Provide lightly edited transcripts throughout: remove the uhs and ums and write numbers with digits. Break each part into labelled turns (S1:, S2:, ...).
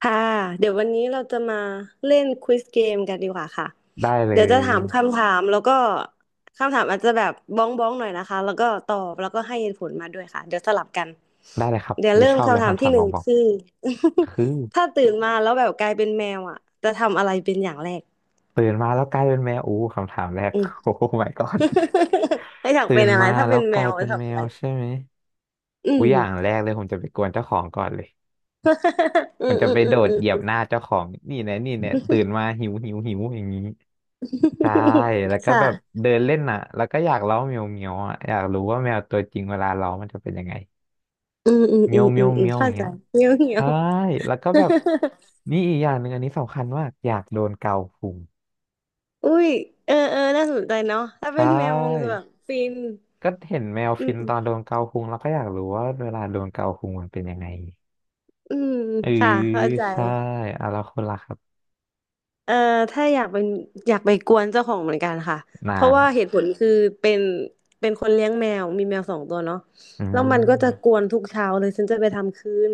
S1: ค่ะเดี๋ยววันนี้เราจะมาเล่นควิสเกมกันดีกว่าค่ะ
S2: ได้เล
S1: เดี๋ยวจะถา
S2: ย
S1: มคำถามแล้วก็คำถามอาจจะแบบบ้องบ้องหน่อยนะคะแล้วก็ตอบแล้วก็ให้เหตุผลมาด้วยค่ะเดี๋ยวสลับกัน
S2: ครับ
S1: เดี๋ยว
S2: กู
S1: เริ่
S2: ช
S1: ม
S2: อบเลย
S1: คำถาม
S2: คำถา
S1: ที่
S2: ม
S1: ห
S2: บ
S1: นึ่
S2: อ
S1: ง
S2: กบอก
S1: คือ
S2: คือ
S1: ถ้าตื่นมาแล้วแบบกลายเป็นแมวอ่ะจะทำอะไรเป็นอย่างแรก
S2: ตื่นมาแล้วกลายเป็นแมวอู้คำถามแรก
S1: อืม
S2: โอ้ my god
S1: ถ้าอยาก
S2: ตื่
S1: เป็น
S2: น
S1: อะไร
S2: มา
S1: ถ้า
S2: แล้
S1: เป็
S2: ว
S1: น
S2: ก
S1: แม
S2: ลา
S1: ว
S2: ยเป็
S1: จะ
S2: นแม
S1: ทำอะไร
S2: วใช่ไหม
S1: อื
S2: กู
S1: ม
S2: อย่างแรกเลยผมจะไปกวนเจ้าของก่อนเลย
S1: อื
S2: ผมน
S1: ม
S2: จะ
S1: อืม
S2: ไป
S1: อื
S2: โด
S1: มอ
S2: ดเหยียบ
S1: ืม
S2: หน้าเจ้าของนี่แน่นี่แน่ตื่นมาหิวหิวหิวอย่างนี้ใช่แล้ว ก็แบบ
S1: ค่ะ
S2: เดินเล่นอ่ะแล้วก็อยากเล้าเมียวเมียวอ่ะอยากรู้ว่าแมวตัวจริงเวลาเล้ามันจะเป็นยังไง
S1: อืมอืม
S2: เมี
S1: อื
S2: ยว
S1: ม
S2: เมี
S1: อื
S2: ย
S1: ม
S2: ว
S1: อืม
S2: เมียวอ
S1: เข้า
S2: ย่าง
S1: ใจ
S2: เงี้ย
S1: เงี้ยวเงี้ยว
S2: ใช่แล้วก็แบบนี่อีกอย่างหนึ่งอันนี้สำคัญมากอยากโดนเกาพุง
S1: อุ้ยเออเออน่าสนใจเนาะถ้า
S2: ใช
S1: เป็นแมวคงจะ
S2: ่
S1: แบบฟิน
S2: ก็เห็นแมว
S1: อื
S2: ฟิ
S1: ม
S2: นตอนโดนเกาพุงแล้วก็อยากรู้ว่าเวลาโดนเกาพุงมันเป็นยังไง
S1: อืม
S2: เออ
S1: ค่ะเข้าใจ
S2: ใช่อ่ะแล้วคนละครับ
S1: เอ่อถ้าอยากเป็นอยากไปกวนเจ้าของเหมือนกันค่ะเพ
S2: นา
S1: ราะ
S2: น
S1: ว่าเหตุผลคือเป็นเป็นคนเลี้ยงแมวมีแมวสองตัวเนาะ
S2: อื
S1: แล้วมันก็จะก
S2: ม
S1: วนทุกเช้าเลยฉันจะไปทำคืน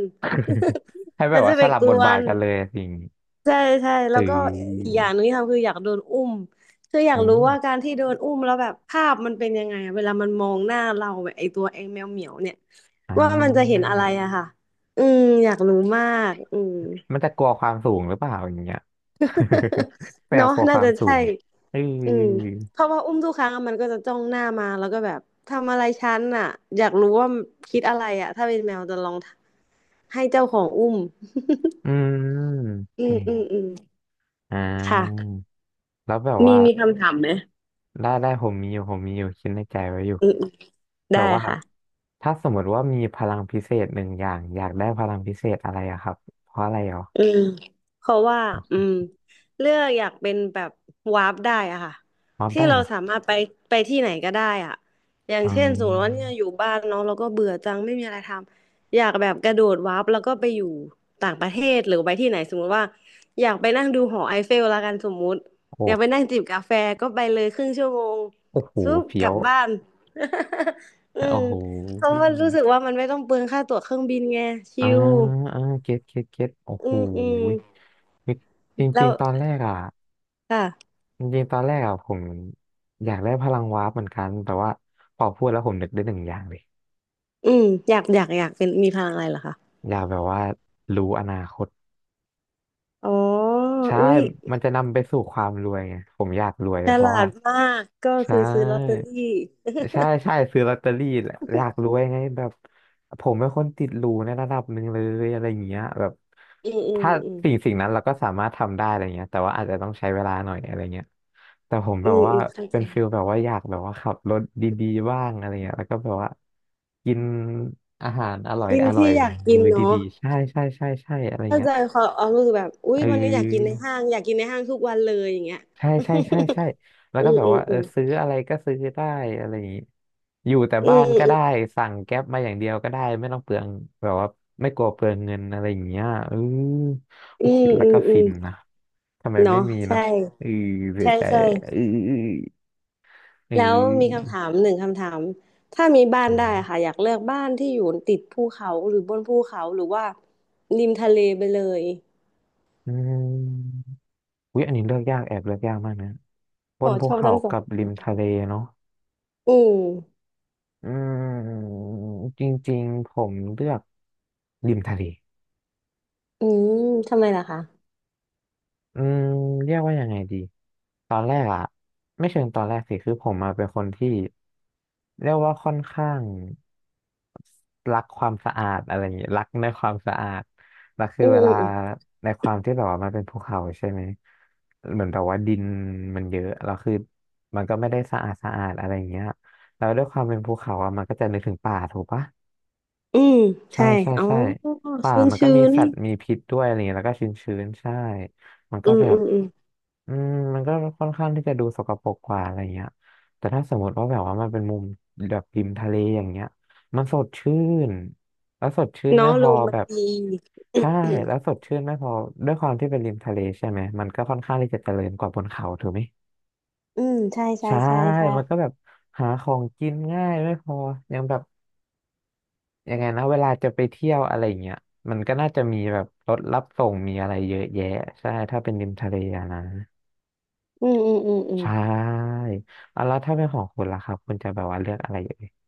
S2: ให้ แบ
S1: ฉั
S2: บ
S1: นจะ
S2: ว่าส
S1: ไป
S2: ลับ
S1: ก
S2: บท
S1: ว
S2: บาท
S1: น
S2: กันเลยสิ่างงี้
S1: ใช่ใช่
S2: เ
S1: แล้วก็อี
S2: ออ
S1: กอย่างหนึงที่ทำคืออยากโดนอุ้มคืออยา
S2: อื
S1: กรู้
S2: ม
S1: ว่าการที่โดนอุ้มแล้วแบบภาพมันเป็นยังไงอะเวลามันมองหน้าเราแบบไอตัวไอแมวเหมียวเนี่ย
S2: อ่
S1: ว่ามันจะเห็
S2: า
S1: นอะไรอะค่ะอืมอยากรู้มากอืม
S2: มันจะกลัวความสูงหรือเปล่าอย่างเงี้ย แมว
S1: เนาะ
S2: กลัวค
S1: น่า
S2: วาม
S1: จะ
S2: สู
S1: ใช่
S2: งเอ
S1: อืม
S2: อ
S1: เพราะว่าอุ้มทุกครั้งอะมันก็จะจ้องหน้ามา แล้วก็แบบทำอะไรฉันอะอยากรู้ว่าคิดอะไรอะถ้าเป็นแมวจะลองให้เจ้าของอุ้ม
S2: อืม
S1: อื
S2: แหม
S1: มอืมอืม
S2: อ่า
S1: ค่ะ
S2: แล้วแบบ
S1: มี
S2: ว่า
S1: มีคำถามไหม
S2: ได้ผมมีอยู่คิดในใจไว้อยู่
S1: อืมอืม
S2: แบ
S1: ได้
S2: บว่า
S1: ค่ะ
S2: ถ้าสมมติว่ามีพลังพิเศษหนึ่งอย่างอยากได้พลังพิเศษอะไรอะครับเพราะอะไรเหรอ
S1: อืมเพราะว่าอืมเลือกอยากเป็นแบบวาร์ปได้อะค่ะ
S2: มอบ
S1: ที่
S2: ได้
S1: เรา
S2: นะ
S1: สามารถไปไปที่ไหนก็ได้อะอย่าง
S2: อื
S1: เช่นสมมติว่าเนี่ย
S2: ม
S1: อยู่บ้านเนาะเราก็เบื่อจังไม่มีอะไรทำอยากแบบกระโดดวาร์ปแล้วก็ไปอยู่ต่างประเทศหรือไปที่ไหนสมมุติว่าอยากไปนั่งดูหอไอเฟลละกันสมมุติ
S2: โอ้
S1: อยากไปนั่งจิบกาแฟก็ไปเลยครึ่งชั่วโมง
S2: โอ้โห
S1: ซุบ
S2: เฟี้
S1: ก
S2: ย
S1: ลับ
S2: ว
S1: บ้าน อื
S2: โอ้
S1: ม
S2: โห
S1: เพราะว่ารู้สึกว่ามันไม่ต้องเปลืองค่าตั๋วเครื่องบินไงชิ
S2: อ่า
S1: ล
S2: เก็ตโอ้โห
S1: อืมอืม
S2: นี่จ
S1: แล้
S2: ริ
S1: ว
S2: งๆตอนแรกอะ
S1: ค่ะ
S2: จริงๆตอนแรกอะผมอยากได้พลังวาร์ปเหมือนกันแต่ว่าพอพูดแล้วผมนึกได้หนึ่งอย่างเลย
S1: อืมอยากอยากอยากเป็นมีพลังอะไรเหรอคะ
S2: อยากแบบว่ารู้อนาคต
S1: อ๋อ
S2: ใช่
S1: อุ๊ย
S2: มันจะนำไปสู่ความรวยไงผมอยากรวย
S1: ฉ
S2: เพราะ
S1: ลา
S2: ว่า
S1: ดมากก็
S2: ใช่
S1: คือซื้อลอตเตอรี่
S2: ใช่ซื้อลอตเตอรี่แหละอยากรวยไงแบบผมเป็นคนติดหรูในระดับหนึ่งเลยอะไรอย่างเงี้ยแบบ
S1: อืมอืม
S2: ถ้า
S1: อืม
S2: สิ่งนั้นเราก็สามารถทำได้อะไรเงี้ยแต่ว่าอาจจะต้องใช้เวลาหน่อยอะไรเงี้ยแต่ผม
S1: อื
S2: แบบ
S1: ม
S2: ว่า
S1: อืมเข้าใจ
S2: เป็นฟิลแบบว่าอยากแบบว่าขับรถดีๆบ้างอะไรเงี้ยแล้วก็แบบว่ากินอาหารอร่อย
S1: กิน
S2: อร่อ
S1: ที่
S2: ย
S1: อยากกิน
S2: มื้อ
S1: เนาะ
S2: ดีๆใช่อะไร
S1: เข้า
S2: เงี้ย
S1: ใจความเอารู้สึกแบบอุ๊
S2: เอ
S1: ยวันนี้อยากกิน
S2: อ
S1: ในห้างอยากกินในห้างทุกวันเลยอย่างเงี้ย
S2: ใช่แล้ว
S1: อื
S2: ก็
S1: ม
S2: แบบ
S1: อืม
S2: ว่าเอ
S1: อื
S2: อ
S1: ม
S2: ซื้ออะไรก็ซื้อได้อะไรอย่างนี้อยู่แต่
S1: อื
S2: บ้านก็ได้
S1: ม
S2: สั่งแก๊ปมาอย่างเดียวก็ได้ไม่ต้องเปลืองแบบว่าไม่กลัวเปลืองเงินอะไรอย่างเงี้ยเออโอ้
S1: อื
S2: คิ
S1: ม
S2: ดแล้ว
S1: อื
S2: ก็
S1: มอื
S2: ฟิ
S1: ม
S2: น
S1: อืม
S2: นะทำไมไม่
S1: เนาะ
S2: มี
S1: ใช่
S2: เนาะเออเสีย
S1: ใช่
S2: ใจ
S1: ใช่
S2: เออเอ
S1: แล้วมี
S2: อ
S1: คำถามหนึ่งคำถามถ้ามีบ้าน
S2: อื
S1: ได้
S2: ม
S1: ค่ะอยากเลือกบ้านที่อยู่ติดภูเขาหรือบนภูเขาหรือว่าริมทะเลไปเลย
S2: อืมอุ๊ยอันนี้เลือกยากแอบเลือกยากมากนะบ
S1: ข
S2: น
S1: อ
S2: ภู
S1: ชอบ
S2: เขา
S1: ทั้งสอ
S2: กั
S1: ง
S2: บริมทะเลเนาะ
S1: อืม
S2: อืมจริงๆผมเลือกริมทะเล
S1: อืมทำไมล่ะคะ
S2: อืมเรียกว่ายังไงดีตอนแรกอะไม่เชิงตอนแรกสิคือผมมาเป็นคนที่เรียกว่าค่อนข้างรักความสะอาดอะไรอย่างเงี้ยรักในความสะอาดแล้วคือ
S1: อืม
S2: เว
S1: อื
S2: ลา
S1: มอืม
S2: ในความที่แบบว่ามันเป็นภูเขาใช่ไหมเหมือนแบบว่าดินมันเยอะแล้วคือมันก็ไม่ได้สะอาดสะอาดอะไรอย่างเงี้ยแล้วด้วยความเป็นภูเขาอะมันก็จะนึกถึงป่าถูกปะ
S1: อืม
S2: ใช่
S1: ใช่อ๋อ
S2: ป่า
S1: ชื้น
S2: มันก็
S1: ชื้
S2: มี
S1: น
S2: สัตว์มีพิษด้วยอะไรเงี้ยแล้วก็ชื้นชื้นใช่มัน
S1: อื
S2: ก็
S1: ม
S2: แบ
S1: อื
S2: บ
S1: มอืม
S2: อืมมันก็ค่อนข้างที่จะดูสกปรกกว่าอะไรเงี้ยแต่ถ้าสมมติว่าแบบว่ามันเป็นมุมแบบริมทะเลอย่างเงี้ยมันสดชื่นแล้วสดชื่นไม่
S1: เนาะ
S2: พ
S1: ล
S2: อ
S1: มมั
S2: แบ
S1: น
S2: บ
S1: ดี อื
S2: ใช่
S1: ม
S2: แล้วสดชื่นไม่พอด้วยความที่เป็นริมทะเลใช่ไหมมันก็ค่อนข้างที่จะเจริญกว่าบนเขาถูกไหม
S1: อืมใช่ใช่
S2: ใช่
S1: ใช่ใช่
S2: มันก็แบบหาของกินง่ายไม่พอยังแบบ ยังไงนะเวลาจะไปเที่ยวอะไรเงี้ยมันก็น่าจะมีแบบรถรับส่งมีอะไรเยอะแยะใช่ถ้าเป็นริมทะเลอะนะ
S1: อืมอืมอืมอืม
S2: ใช่เอาแล้วถ้าเป็นของคุณล่ะครับคุณจะแบบว่าเลือกอะไรเอ่ย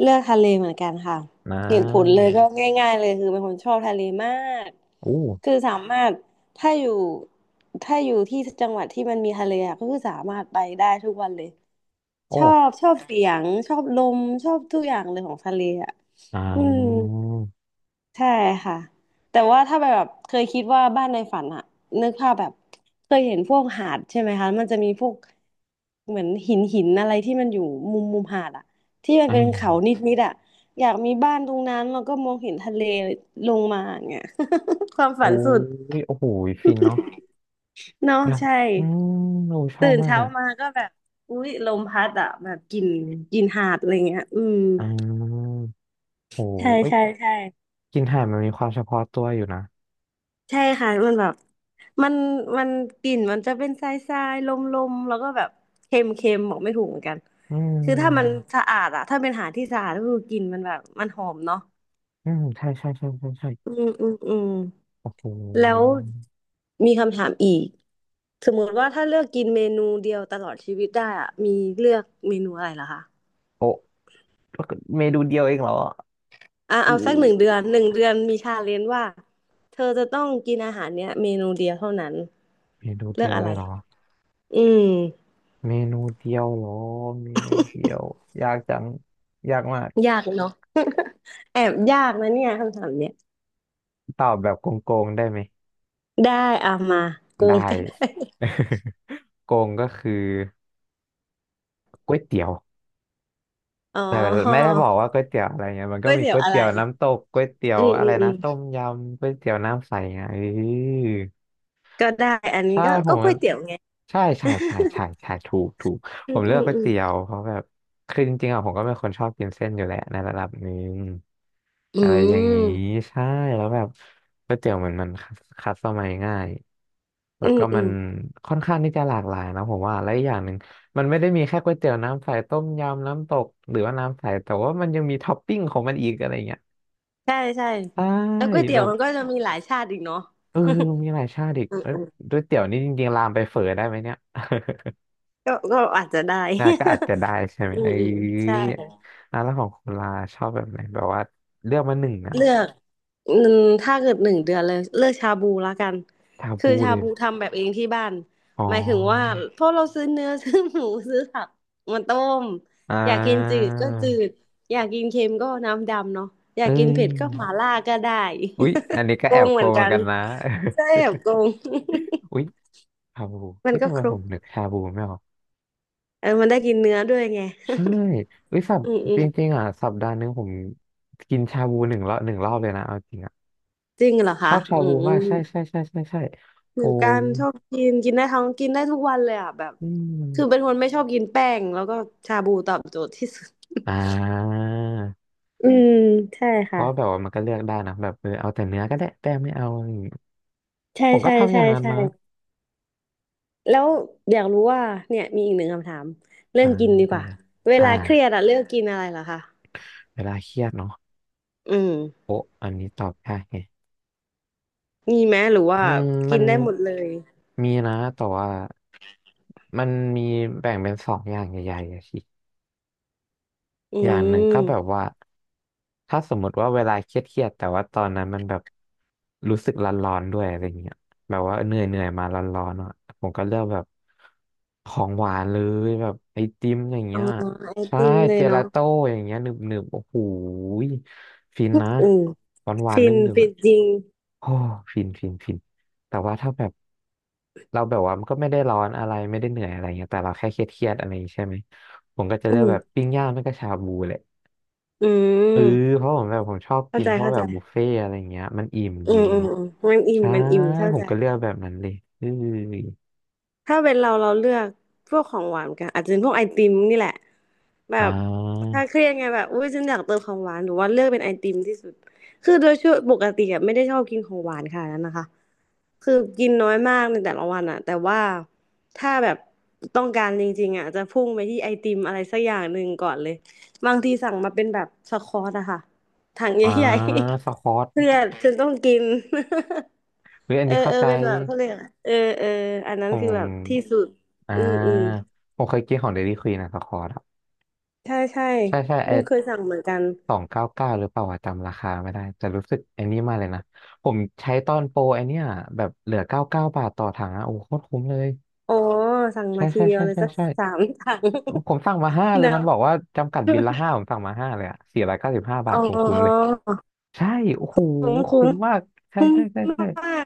S1: เลือกทะเลเหมือนกันค่ะ
S2: นะ
S1: เหตุผลเลยก็ง่ายๆเลยคือเป็นคนชอบทะเลมาก
S2: อู้
S1: คือสามารถถ้าอยู่ถ้าอยู่ที่จังหวัดที่มันมีทะเลอะก็คือสามารถไปได้ทุกวันเลย
S2: โอ้
S1: ชอบชอบเสียงชอบลมชอบทุกอย่างเลยของทะเลอ่ะ
S2: อ่
S1: อืม
S2: า
S1: ใช่ค่ะแต่ว่าถ้าไปแบบเคยคิดว่าบ้านในฝันอะนึกภาพแบบเคยเห็นพวกหาดใช่ไหมคะมันจะมีพวกเหมือนหินหินอะไรที่มันอยู่มุมมุมหาดอะที่มัน
S2: อ่
S1: เป็นเขานิ
S2: า
S1: ดนิดอะอยากมีบ้านตรงนั้นแล้วก็มองเห็นทะเลลงมาอย่างเงี้ย ความฝั
S2: อู้
S1: นสุด
S2: ยโอ้โหฟินเนาะ
S1: เนาะ
S2: แบบ
S1: ใช่
S2: อืมโอ้ชอ
S1: ตื่
S2: บ
S1: น
S2: มากเล
S1: เช้า
S2: ยอะ
S1: มาก็แบบอุ๊ยลมพัดอ่ะแบบกลิ่นกลิ่นหาดอะไรเงี้ยอืม
S2: อ่าโอ้
S1: ใช่
S2: เอ้ย
S1: ใช่ใช่
S2: กินห่านมันมีความเฉพาะตัวอยู่นะ
S1: ใช่ค่ะมันแบบมันมันกลิ่นมันจะเป็นทรายทรายลมลมๆแล้วก็แบบเค็มเค็มบอกไม่ถูกเหมือนกัน
S2: อื
S1: คือถ้ามัน
S2: ม
S1: สะอาดอะถ้าเป็นหาดที่สะอาดก็คือกลิ่นมันแบบมันหอมเนาะ
S2: อืมใช่
S1: อืมอืมอืม
S2: โอ้โห
S1: แล้วมีคำถามอีกสมมติว่าถ้าเลือกกินเมนูเดียวตลอดชีวิตได้อ่ะมีเลือกเมนูอะไรเหรอคะ
S2: โอ้ เมนูเดียวเองเหรอ
S1: อ่ะ
S2: เ
S1: เอาสักหนึ่งเดื
S2: ออ
S1: อนหนึ่งเดือนมีชาเลนจ์ว่าเธอจะต้องกินอาหารเนี้ยเมนูเดียวเท่านั้น
S2: เมนู
S1: เลื
S2: เดี
S1: อก
S2: ยว
S1: อะ
S2: เล
S1: ไร
S2: ยเหรอ
S1: อืม
S2: เมนูเดียวเหรอเมนูเดียวยากจังยากมาก
S1: ยากเนาะ แอบยากนะเนี่ยคำถามเนี้ย
S2: ตอบแบบโกงๆได้ไหม
S1: ได้อ่ะมาโก
S2: ได้
S1: งก็ได้
S2: โกงก็คือก๋วยเตี๋ยว
S1: อ๋อ
S2: แต่ไม่ได้บอกว่าก๋วยเตี๋ยวอะไรเงี้ยมันก็
S1: ก๋วย
S2: มี
S1: เตี๋ย
S2: ก๋
S1: ว
S2: วย
S1: อะไร
S2: เตี๋ยวน้ำตกก๋วยเตี๋ย
S1: อื
S2: ว
S1: ม
S2: อะ
S1: อื
S2: ไร
S1: มอื
S2: นะ
S1: ม
S2: ต้มยำก๋วยเตี๋ยวน้ำใสไงเออ
S1: ก็ได้อันนี้
S2: ใช่
S1: ก็
S2: ผ
S1: ก็
S2: ม
S1: ก๋วยเตี๋ยวไง
S2: ใช่ถูก
S1: อื
S2: ผ
S1: ม
S2: มเลื
S1: อื
S2: อก
S1: ม
S2: ก๋วย
S1: อืม
S2: เตี๋ยวเพราะแบบคือจริงๆอ่ะผมก็เป็นคนชอบกินเส้นอยู่แหละในระดับหนึง
S1: อื
S2: อะไรอย่างนี้
S1: ม
S2: ใช่แล้วแบบก๋วยเตี๋ยวเหมือนมันคัสตอมไมง่ายแล้
S1: อื
S2: ว
S1: ม
S2: ก็
S1: อื
S2: มัน
S1: ม
S2: ค่อนข้างที่จะหลากหลายนะผมว่าและอีกอย่างหนึ่ง มันไม่ได้มีแค่ก๋วยเตี๋ยวน้ำใสต้มยำน้ำตกหรือว่าน้ำใสแต่ว่ามันยังมีท็อปปิ้งของมันอีกอะไรเงี้ย
S1: ใช่ใช่
S2: ใช่
S1: แล้วก๋วยเตี๋
S2: แบ
S1: ยว
S2: บ
S1: มันก็จะมีหลายชาติอีกเนาะ
S2: เออมีหลายชาติอีก
S1: อืม
S2: เอ้ย
S1: อืม
S2: ก๋วยเตี๋ยวนี่จริงๆลามไปเฝอได้ไหมเนี่ย
S1: ก็อาจจะได้
S2: น่าก็อาจจะได้ใช่ ไหม
S1: อื
S2: เอ
S1: มอืมใช่
S2: ออ่ะแล้วของคุณลาชอบแบบไหน แบบว่าเลือกมาหนึ่งนะ
S1: เลือกอืมถ้าเกิดหนึ่งเดือนเลยเลือกชาบูละกัน
S2: ชา
S1: คือ
S2: บู
S1: ชา
S2: เลย
S1: บู
S2: เหรอ
S1: ทำแบบเองที่บ้าน
S2: อ๋
S1: หมายถึงว่า
S2: อ
S1: เพราะเราซื้อเนื้อ ซื้อหมูซื้อผักมาต้ม
S2: อ่า
S1: อยากกินจืดก็จืดอยากกินเค็มก็น้ำดำเนาะอ
S2: เ
S1: ยากกินเผ็ดก็
S2: ออ
S1: หม่าล่าก็ได้
S2: อุ๊ยอันนี้ก็
S1: โก
S2: แอ
S1: ง
S2: บ
S1: เห
S2: โก
S1: มือ
S2: ง
S1: น
S2: เหมือ
S1: กั
S2: น
S1: น
S2: กันนะ
S1: ใช่แบบโกง
S2: อุ๊ยชาบู
S1: มัน
S2: อุ๊ย
S1: ก็
S2: ทำไม
S1: คร
S2: ผ
S1: บ
S2: มนึกชาบูไม่ออก
S1: เออมันได้กินเนื้อด้วยไง
S2: ใช่เอ้ยสัป
S1: อืมอื
S2: จ
S1: ม
S2: ริงๆอ่ะสัปดาห์หนึงผมกินชาบูหนึ่งรอบเลยนะเอาจริงอ่ะ
S1: จริงเหรอ
S2: ช
S1: คะ
S2: อบชา
S1: อื
S2: บูมาก
S1: ม
S2: ใช่
S1: เหมื
S2: โอ้
S1: อนกันชอบกินกินได้ทั้งกินได้ทุกวันเลยอ่ะแบบ
S2: อื
S1: คือเป็น
S2: ม
S1: คนไม่ชอบกินแป้งแล้วก็ชาบูตอบโจทย์ที่สุด
S2: อ่า
S1: อืมใช่
S2: เพ
S1: ค่ะ
S2: ราะแบบว่ามันก็เลือกได้นะแบบเออเอาแต่เนื้อก็ได้แต่ไม่เอาอะไรอย่างงี้
S1: ใช่
S2: ผมก็
S1: ใช่
S2: ทำอ
S1: ใช่
S2: ย่างนั้น
S1: ใช่
S2: นะ
S1: แล้วอยากรู้ว่าเนี่ยมีอีกหนึ่งคำถามเรื่อ
S2: อ่า
S1: งกินดี
S2: ได้
S1: กว่า
S2: เลย
S1: เว
S2: อ่า
S1: ลาเครียดอะเลือกกินอะไรเหรอคะ
S2: เวลาเครียดเนาะ
S1: อืม
S2: โอ้อันนี้ตอบยากไง
S1: มีไหมหรือว่า
S2: อืมมั
S1: กิน
S2: น
S1: ได้หมดเลย
S2: มีนะแต่ว่ามันมีแบ่งเป็นสองอย่างใหญ่ๆอะสิ
S1: อื
S2: อย่างหนึ่งก็แบบ
S1: ม
S2: ว่า ถ้าสมมติว่าเวลาเครียดๆแต่ว่าตอนนั้นมันแบบรู้สึกร้อนๆด้วยอะไรเงี้ยแบบว่าเหนื่อยๆมาร้อนๆอ่ะผมก็เลือกแบบของหวานเลยแบบไอติมอย่าง
S1: อ๋อ
S2: เงี้ย
S1: ไอ
S2: ใช่
S1: ติมเล
S2: เจ
S1: ย
S2: ลา
S1: เนาะ
S2: โต้อย่างเงี้ยหนึบๆโอ้โหยฟินนะ
S1: อืม
S2: หวานๆ
S1: ฟิ
S2: น
S1: น
S2: ึบ
S1: ฟิ
S2: ๆอ่ะ
S1: นจริง
S2: โอ้ฟินแต่ว่าถ้าแบบเราแบบว่ามันก็ไม่ได้ร้อนอะไรไม่ได้เหนื่อยอะไรเงี้ยแต่เราแค่เครียดๆอะไรอย่างงี้ใช่ไหมผมก็จะ
S1: อื
S2: เลือก
S1: ม
S2: แบบปิ้งย่างไม่ก็ชาบูแหละ
S1: อื
S2: เออ
S1: ม
S2: เพราะผมชอบ
S1: เข้า
S2: กิน
S1: ใจ
S2: เพราะ
S1: เข้า
S2: แบ
S1: ใจ
S2: บบุฟเฟ่ต์อะไรเงี้ยมันอิ่ม
S1: อื
S2: ดี
S1: มอื
S2: ไง
S1: มอืมมันอิ่ม
S2: ใช่
S1: มันอิ่มเข้า
S2: ผ
S1: ใจ
S2: มก็เลือกแบบนั้นเลยเออ
S1: ถ้าเป็นเราเราเลือกพวกของหวานกันอาจจะเป็นพวกไอติมนี่แหละแบ
S2: อ่
S1: บ
S2: า
S1: ถ้าเครียดไงแบบอุ้ยฉันอยากเติมของหวานหรือว่าเลือกเป็นไอติมที่สุดคือโดยช่วงปกติอะไม่ได้ชอบกินของหวานค่ะนาดนั้นนะคะคือกินน้อยมากในแต่ละวันอะแต่ว่าถ้าแบบต้องการจริงๆอะจะพุ่งไปที่ไอติมอะไรสักอย่างหนึ่งก่อนเลยบางทีสั่งมาเป็นแบบสควอตอะค่ะถังใ
S2: อ่า
S1: หญ่
S2: ส
S1: ๆ
S2: ควอต
S1: เพื่อนฉันต้องกิน
S2: เฮ้ยอัน
S1: เออ
S2: นี้เข้า
S1: เออ
S2: ใจ
S1: เป็นแบบเขาเรียกอะไรเออเอออันนั้
S2: ผ
S1: นคือ
S2: ม
S1: แบบที่สุด
S2: อ่
S1: อืมอืม
S2: าผมเคยกินของเดลี่ควีนอะสควอตอะ
S1: ใช่ใช่
S2: ใช่ใช่
S1: อื
S2: ไอ
S1: มเคยสั่งเหมือนกัน
S2: 299หรือเปล่าอะจำราคาไม่ได้แต่รู้สึกไอ้นี่มากเลยนะผมใช้ตอนโปรไอเนี้ยแบบเหลือ99 บาทต่อถังอะโอ้โหโคตรคุ้มเลย
S1: อ๋อสั่ง
S2: ใช่
S1: มาที
S2: ใช่
S1: เดียว
S2: ใช่
S1: เลย
S2: ใช่
S1: สัก
S2: ใช่
S1: สามถัง
S2: ผมสั่งมาห้า เลย
S1: นะ
S2: มันบอกว่าจำกัดบินละห้าผมสั่งมาห้าเลยอะสี่ร้อยเก้าสิบห้าบา
S1: อ๋อ
S2: ทผมคุ้มเลยใช่โอ้โห
S1: คุ้มคุ้
S2: คุ้
S1: ม
S2: มมากใช่
S1: คุ้ม
S2: ใช่ใช่ใช่
S1: มาก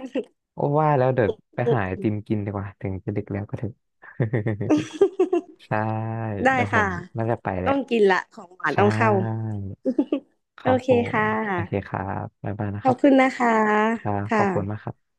S2: โอ้ว่าแล้วเดี๋ยวไปหาไอติมกินดีกว่าถึงจะดึกแล้วก็เถอะ ใช่
S1: ได้
S2: เดี๋ยวผ
S1: ค่ะ
S2: มน่าจะไปแห
S1: ต้อ
S2: ละ
S1: งกินละของหวานต้
S2: ใช่
S1: องเข้า
S2: ค
S1: โอ
S2: รับ
S1: เค
S2: ผ
S1: ค่
S2: มโอเคค
S1: ะ
S2: รับบ๊ายบายนะ
S1: ข
S2: ค
S1: อ
S2: รั
S1: บ
S2: บ
S1: คุณนะคะ
S2: ครับข
S1: ค่ะ
S2: อบคุณมากครับ